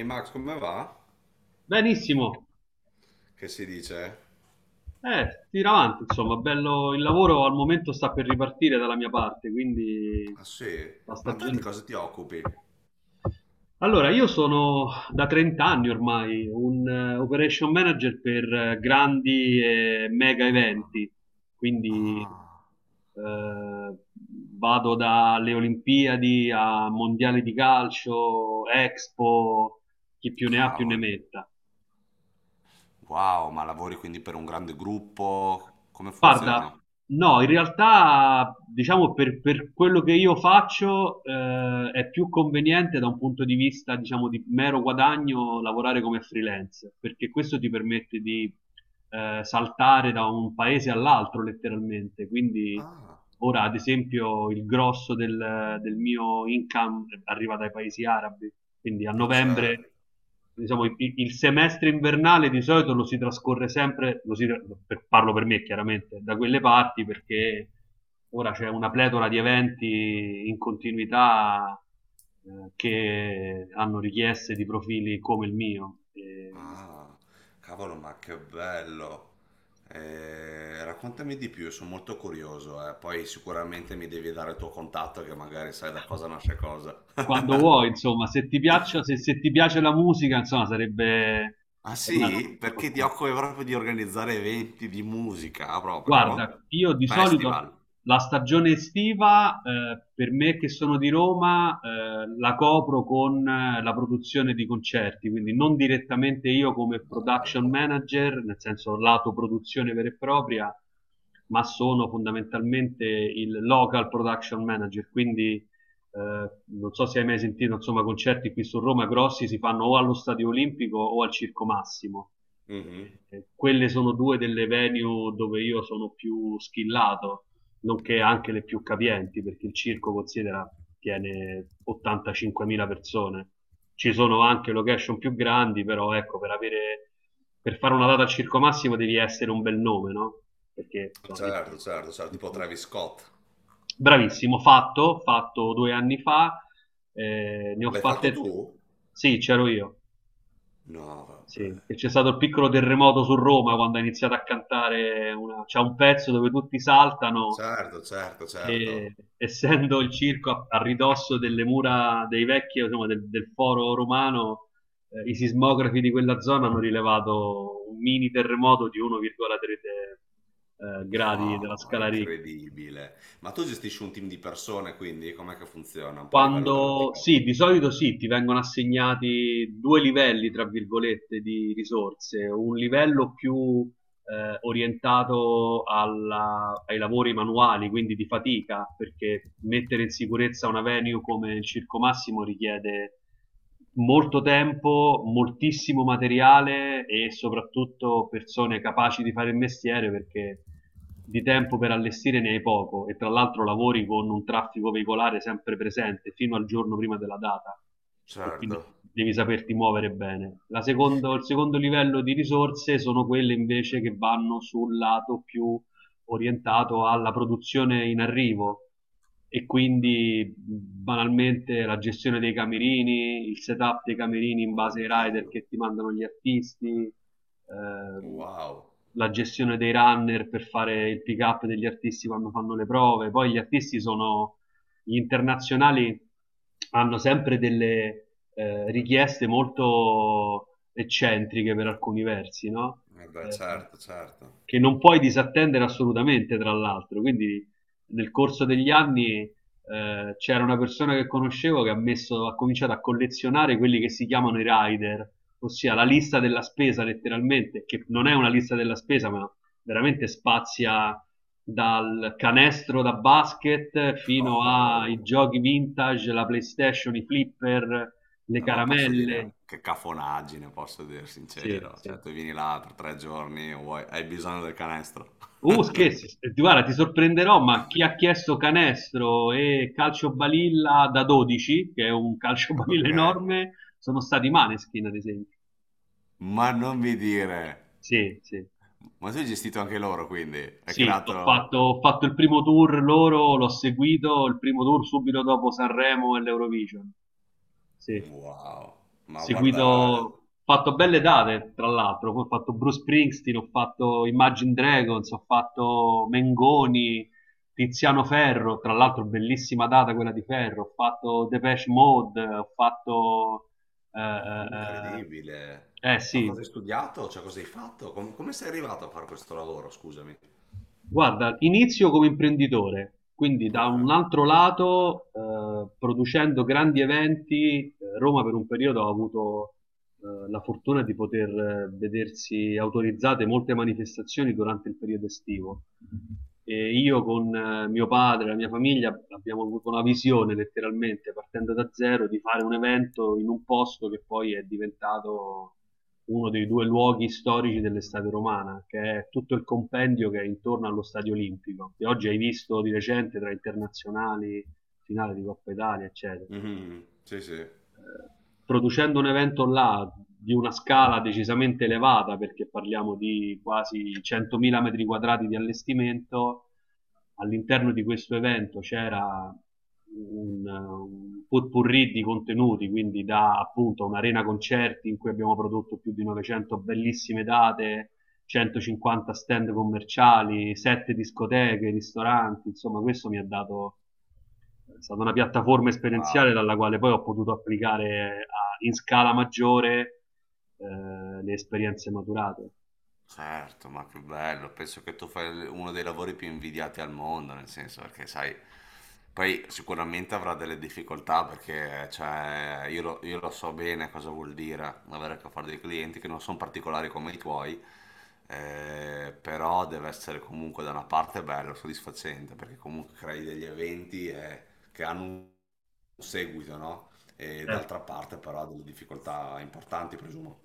Ehi Max, come va? Benissimo, Che si dice? Tira avanti, insomma, bello, il lavoro al momento sta per ripartire dalla mia parte, quindi Ah sì, la ma te di cosa ti occupi? Allora, io sono da 30 anni ormai un operation manager per grandi e mega Ah, eventi, quindi ah, eh, vado dalle Olimpiadi a mondiali di calcio, Expo, chi più ne ha più ne cavolo. metta. Wow, ma lavori quindi per un grande gruppo? Come Guarda, funziona? no, in realtà, diciamo, per quello che io faccio, è più conveniente da un punto di vista, diciamo, di mero guadagno lavorare come freelance, perché questo ti permette di saltare da un paese all'altro letteralmente. Quindi Ah, ora, ad esempio, il grosso del mio income arriva dai paesi arabi, quindi a ma certo. novembre diciamo, il semestre invernale di solito lo si trascorre sempre, parlo per me chiaramente, da quelle parti perché ora c'è una pletora di eventi in continuità che hanno richieste di profili come il mio. E Ah, cavolo, ma che bello. Raccontami di più, sono molto curioso, eh. Poi sicuramente mi devi dare il tuo contatto che magari sai da cosa nasce cosa. quando vuoi, insomma, se ti piace la musica, insomma, Ah è una... sì? Perché ti ok. occupi proprio di organizzare eventi di musica, proprio? Guarda, io di solito Festival. la stagione estiva, per me che sono di Roma, la copro con la produzione di concerti, quindi non direttamente io come No, production vabbè. manager, nel senso lato produzione vera e propria, ma sono fondamentalmente il local production manager, quindi non so se hai mai sentito, insomma, concerti qui su Roma grossi si fanno o allo Stadio Olimpico o al Circo Massimo. Mhm. Quelle sono due delle venue dove io sono più skillato, nonché anche le più capienti, perché il circo considera tiene 85.000 persone. Ci sono anche location più grandi, però ecco, per fare una data al Circo Massimo devi essere un bel nome, no? Perché insomma, Certo, certo, certo, tipo Travis Scott. bravissimo, fatto due anni fa, ne ho L'hai fatto fatte, tu? sì, c'ero io. No, vabbè. Sì, e c'è stato il piccolo terremoto su Roma quando ha iniziato a cantare c'è un pezzo dove tutti saltano Certo, certo, e certo. essendo il circo a ridosso delle mura dei vecchi, insomma, del foro romano, i sismografi di quella zona hanno rilevato un mini terremoto di 1,3 gradi della No, è scala Richter. incredibile. Ma tu gestisci un team di persone, quindi com'è che funziona un po' a livello Quando pratico? sì, di solito sì, ti vengono assegnati due livelli, tra virgolette, di risorse, un livello più orientato ai lavori manuali, quindi di fatica, perché mettere in sicurezza una venue come il Circo Massimo richiede molto tempo, moltissimo materiale e soprattutto persone capaci di fare il mestiere perché di tempo per allestire ne hai poco e tra l'altro lavori con un traffico veicolare sempre presente fino al giorno prima della data e Certo. quindi devi saperti muovere bene. Il secondo livello di risorse sono quelle invece che vanno sul lato più orientato alla produzione in arrivo e quindi banalmente la gestione dei camerini, il setup dei camerini in base ai rider Oddio. che ti mandano gli artisti, ehm, Wow. la gestione dei runner per fare il pick up degli artisti quando fanno le prove. Poi gli artisti sono gli internazionali hanno sempre delle richieste molto eccentriche per alcuni versi, no? Eh beh, Eh, certo, certo. che non puoi disattendere assolutamente, tra l'altro. Quindi nel corso degli Mhm. anni c'era una persona che conoscevo che ha cominciato a collezionare quelli che si chiamano i rider, ossia la lista della spesa letteralmente, che non è una lista della spesa, ma veramente spazia dal canestro da basket fino Oh, ai giochi vintage, la PlayStation, i flipper, le eh, ma posso caramelle. dire che cafonaggine, posso dire Sì, sincero. sì. Cioè, tu vieni là per tre giorni, vuoi hai bisogno del canestro. Scherzi, guarda, ti sorprenderò, ma chi ha chiesto canestro e calcio balilla da 12, che è un calcio balilla Ok? enorme, sono stati i Maneskin, ad esempio. Ma non mi dire. Sì, sì. Ma tu hai gestito anche loro, quindi hai Sì, creato. ho fatto il primo tour loro, l'ho seguito, il primo tour subito dopo Sanremo e l'Eurovision. Sì. Wow, ma Seguito, guarda, ho fatto belle date, tra l'altro, poi ho fatto Bruce Springsteen, ho fatto Imagine Dragons, ho fatto Mengoni, Tiziano Ferro, tra l'altro bellissima data quella di Ferro, ho fatto Depeche Mode, ho eh, eh, incredibile. Ma sì. cosa hai studiato? Cioè, cosa hai fatto? Come sei arrivato a fare questo lavoro, scusami? Guarda, inizio come imprenditore, quindi da Ok. un altro lato, producendo grandi eventi, Roma per un periodo ha avuto la fortuna di poter vedersi autorizzate molte manifestazioni durante il periodo estivo. E io con mio padre e la mia famiglia abbiamo avuto la visione, letteralmente, partendo da zero, di fare un evento in un posto che poi è diventato uno dei due luoghi storici dell'estate romana, che è tutto il compendio che è intorno allo Stadio Olimpico, che oggi hai visto di recente tra internazionali, finale di Coppa Italia, eccetera, Mhm. Sì, sì. producendo un evento là di una scala decisamente elevata, perché parliamo di quasi 100.000 metri quadrati di allestimento, all'interno di questo evento c'era un potpourri di contenuti, quindi da appunto un'arena concerti in cui abbiamo prodotto più di 900 bellissime date, 150 stand commerciali, 7 discoteche, ristoranti, insomma questo mi ha dato è stata una piattaforma esperienziale Wow. dalla quale poi ho potuto applicare in scala maggiore le esperienze maturate. Certo, ma che bello, penso che tu fai uno dei lavori più invidiati al mondo, nel senso perché sai, poi sicuramente avrà delle difficoltà perché cioè, io lo so bene cosa vuol dire avere a che fare dei clienti che non sono particolari come i tuoi, però deve essere comunque da una parte bello, soddisfacente, perché comunque crei degli eventi che hanno un seguito, no? E Certo. d'altra parte però ha delle difficoltà importanti, presumo.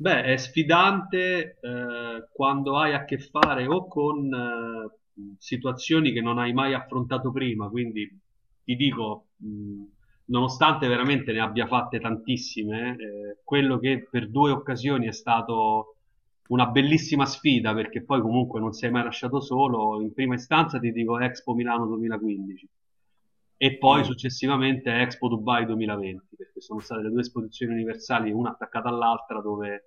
Beh, è sfidante quando hai a che fare o con situazioni che non hai mai affrontato prima, quindi ti dico, nonostante veramente ne abbia fatte tantissime, quello che per due occasioni è stato una bellissima sfida perché poi comunque non sei mai lasciato solo. In prima istanza ti dico Expo Milano 2015 e poi Mm, successivamente Expo Dubai 2020 perché sono state le due esposizioni universali una attaccata all'altra dove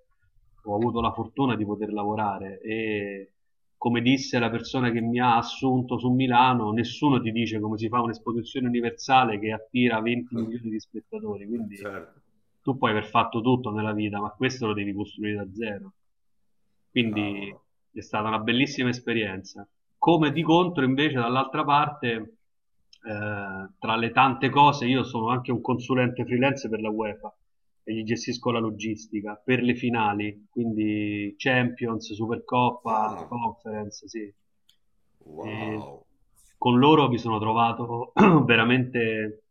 ho avuto la fortuna di poter lavorare e come disse la persona che mi ha assunto su Milano, nessuno ti dice come si fa un'esposizione universale che attira 20 milioni di spettatori, quindi certo. tu puoi aver fatto tutto nella vita, ma questo lo devi costruire da zero. Quindi Cavolo. è stata una bellissima esperienza. Come di contro, invece, dall'altra parte, tra le tante cose, io sono anche un consulente freelance per la UEFA e gli gestisco la logistica per le finali, quindi Champions, Supercoppa, Ah, Conference, sì. E wow. con loro mi sono trovato veramente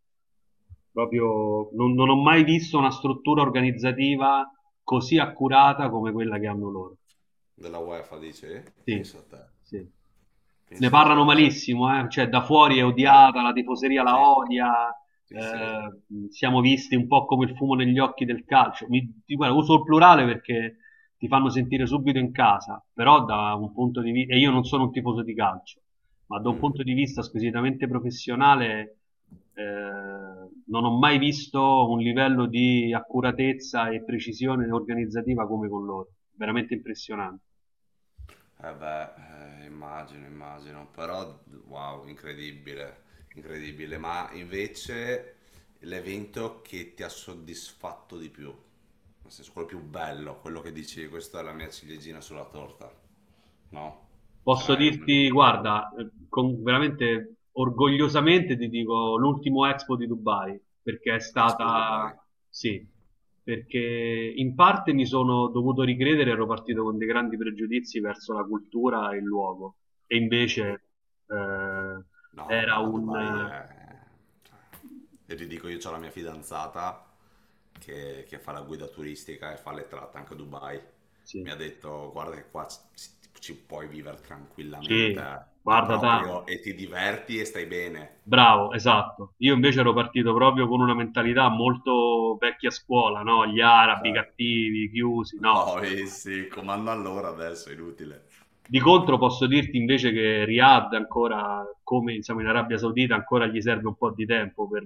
proprio, non ho mai visto una struttura organizzativa così accurata come quella che hanno loro. Della UEFA dice? Sì, Pensa a te. sì. Ne Pensa a parlano te. malissimo, cioè da fuori è Eh, odiata, la tifoseria la sì, odia, sì, sì. Siamo visti un po' come il fumo negli occhi del calcio. Guarda, uso il plurale perché ti fanno sentire subito in casa, però da un punto di vista, e io non sono un tifoso di calcio, ma da un Mm. punto di vista squisitamente professionale, eh, non ho mai visto un livello di accuratezza e precisione organizzativa come con loro. Veramente impressionante. Eh beh, immagino, immagino. Però, wow, incredibile. Incredibile. Ma invece l'evento che ti ha soddisfatto di più? Nel senso, quello più bello, quello che dici, questa è la mia ciliegina sulla torta. No? Ce Posso n'hai uno in dirti, particolare? guarda, veramente orgogliosamente ti dico l'ultimo Expo di Dubai, perché è L'Expo di stata, Dubai. sì, perché in parte mi sono dovuto ricredere, ero partito con dei grandi pregiudizi verso la cultura e il luogo, e Mm-hmm. invece eh, No, vabbè, era ma un... Dubai eh, è cioè, io ti dico, io ho la mia fidanzata che fa la guida turistica e fa le tratte anche a Dubai. Mi sì, ha detto, guarda che qua ci, ci puoi vivere tranquillamente, sì, eh. Ma guarda, da, proprio, e ti diverti e stai bene. bravo, esatto. Io invece ero partito proprio con una mentalità molto vecchia scuola, no? Gli arabi Cioè, cattivi, chiusi, no, no, eh assolutamente. sì, comando allora adesso, è inutile. Di contro posso dirti invece che Riyadh ancora, come siamo in Arabia Saudita, ancora gli serve un po' di tempo per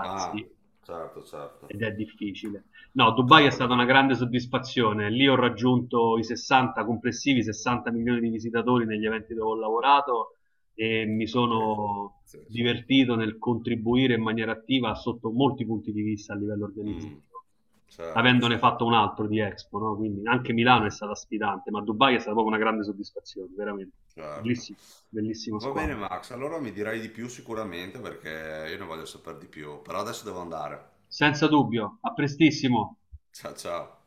Ah, certo, certo. Ed è difficile. No, Dubai è Cavolo, stata una grande soddisfazione. Lì ho raggiunto i 60 complessivi, 60 milioni di visitatori negli eventi dove ho lavorato e mi appeso. sono Pazzesco. divertito nel contribuire in maniera attiva sotto molti punti di vista a livello Mm, organizzativo, certo, avendone fatto certo. un altro di Expo, no? Quindi anche Milano è Mhm. stata sfidante, ma Dubai è stata proprio una grande soddisfazione, veramente. Certo. Bellissimo, bellissima Va bene squadra. Max, allora mi dirai di più sicuramente perché io ne voglio sapere di più, però adesso devo andare. Senza dubbio, a prestissimo. Ciao ciao.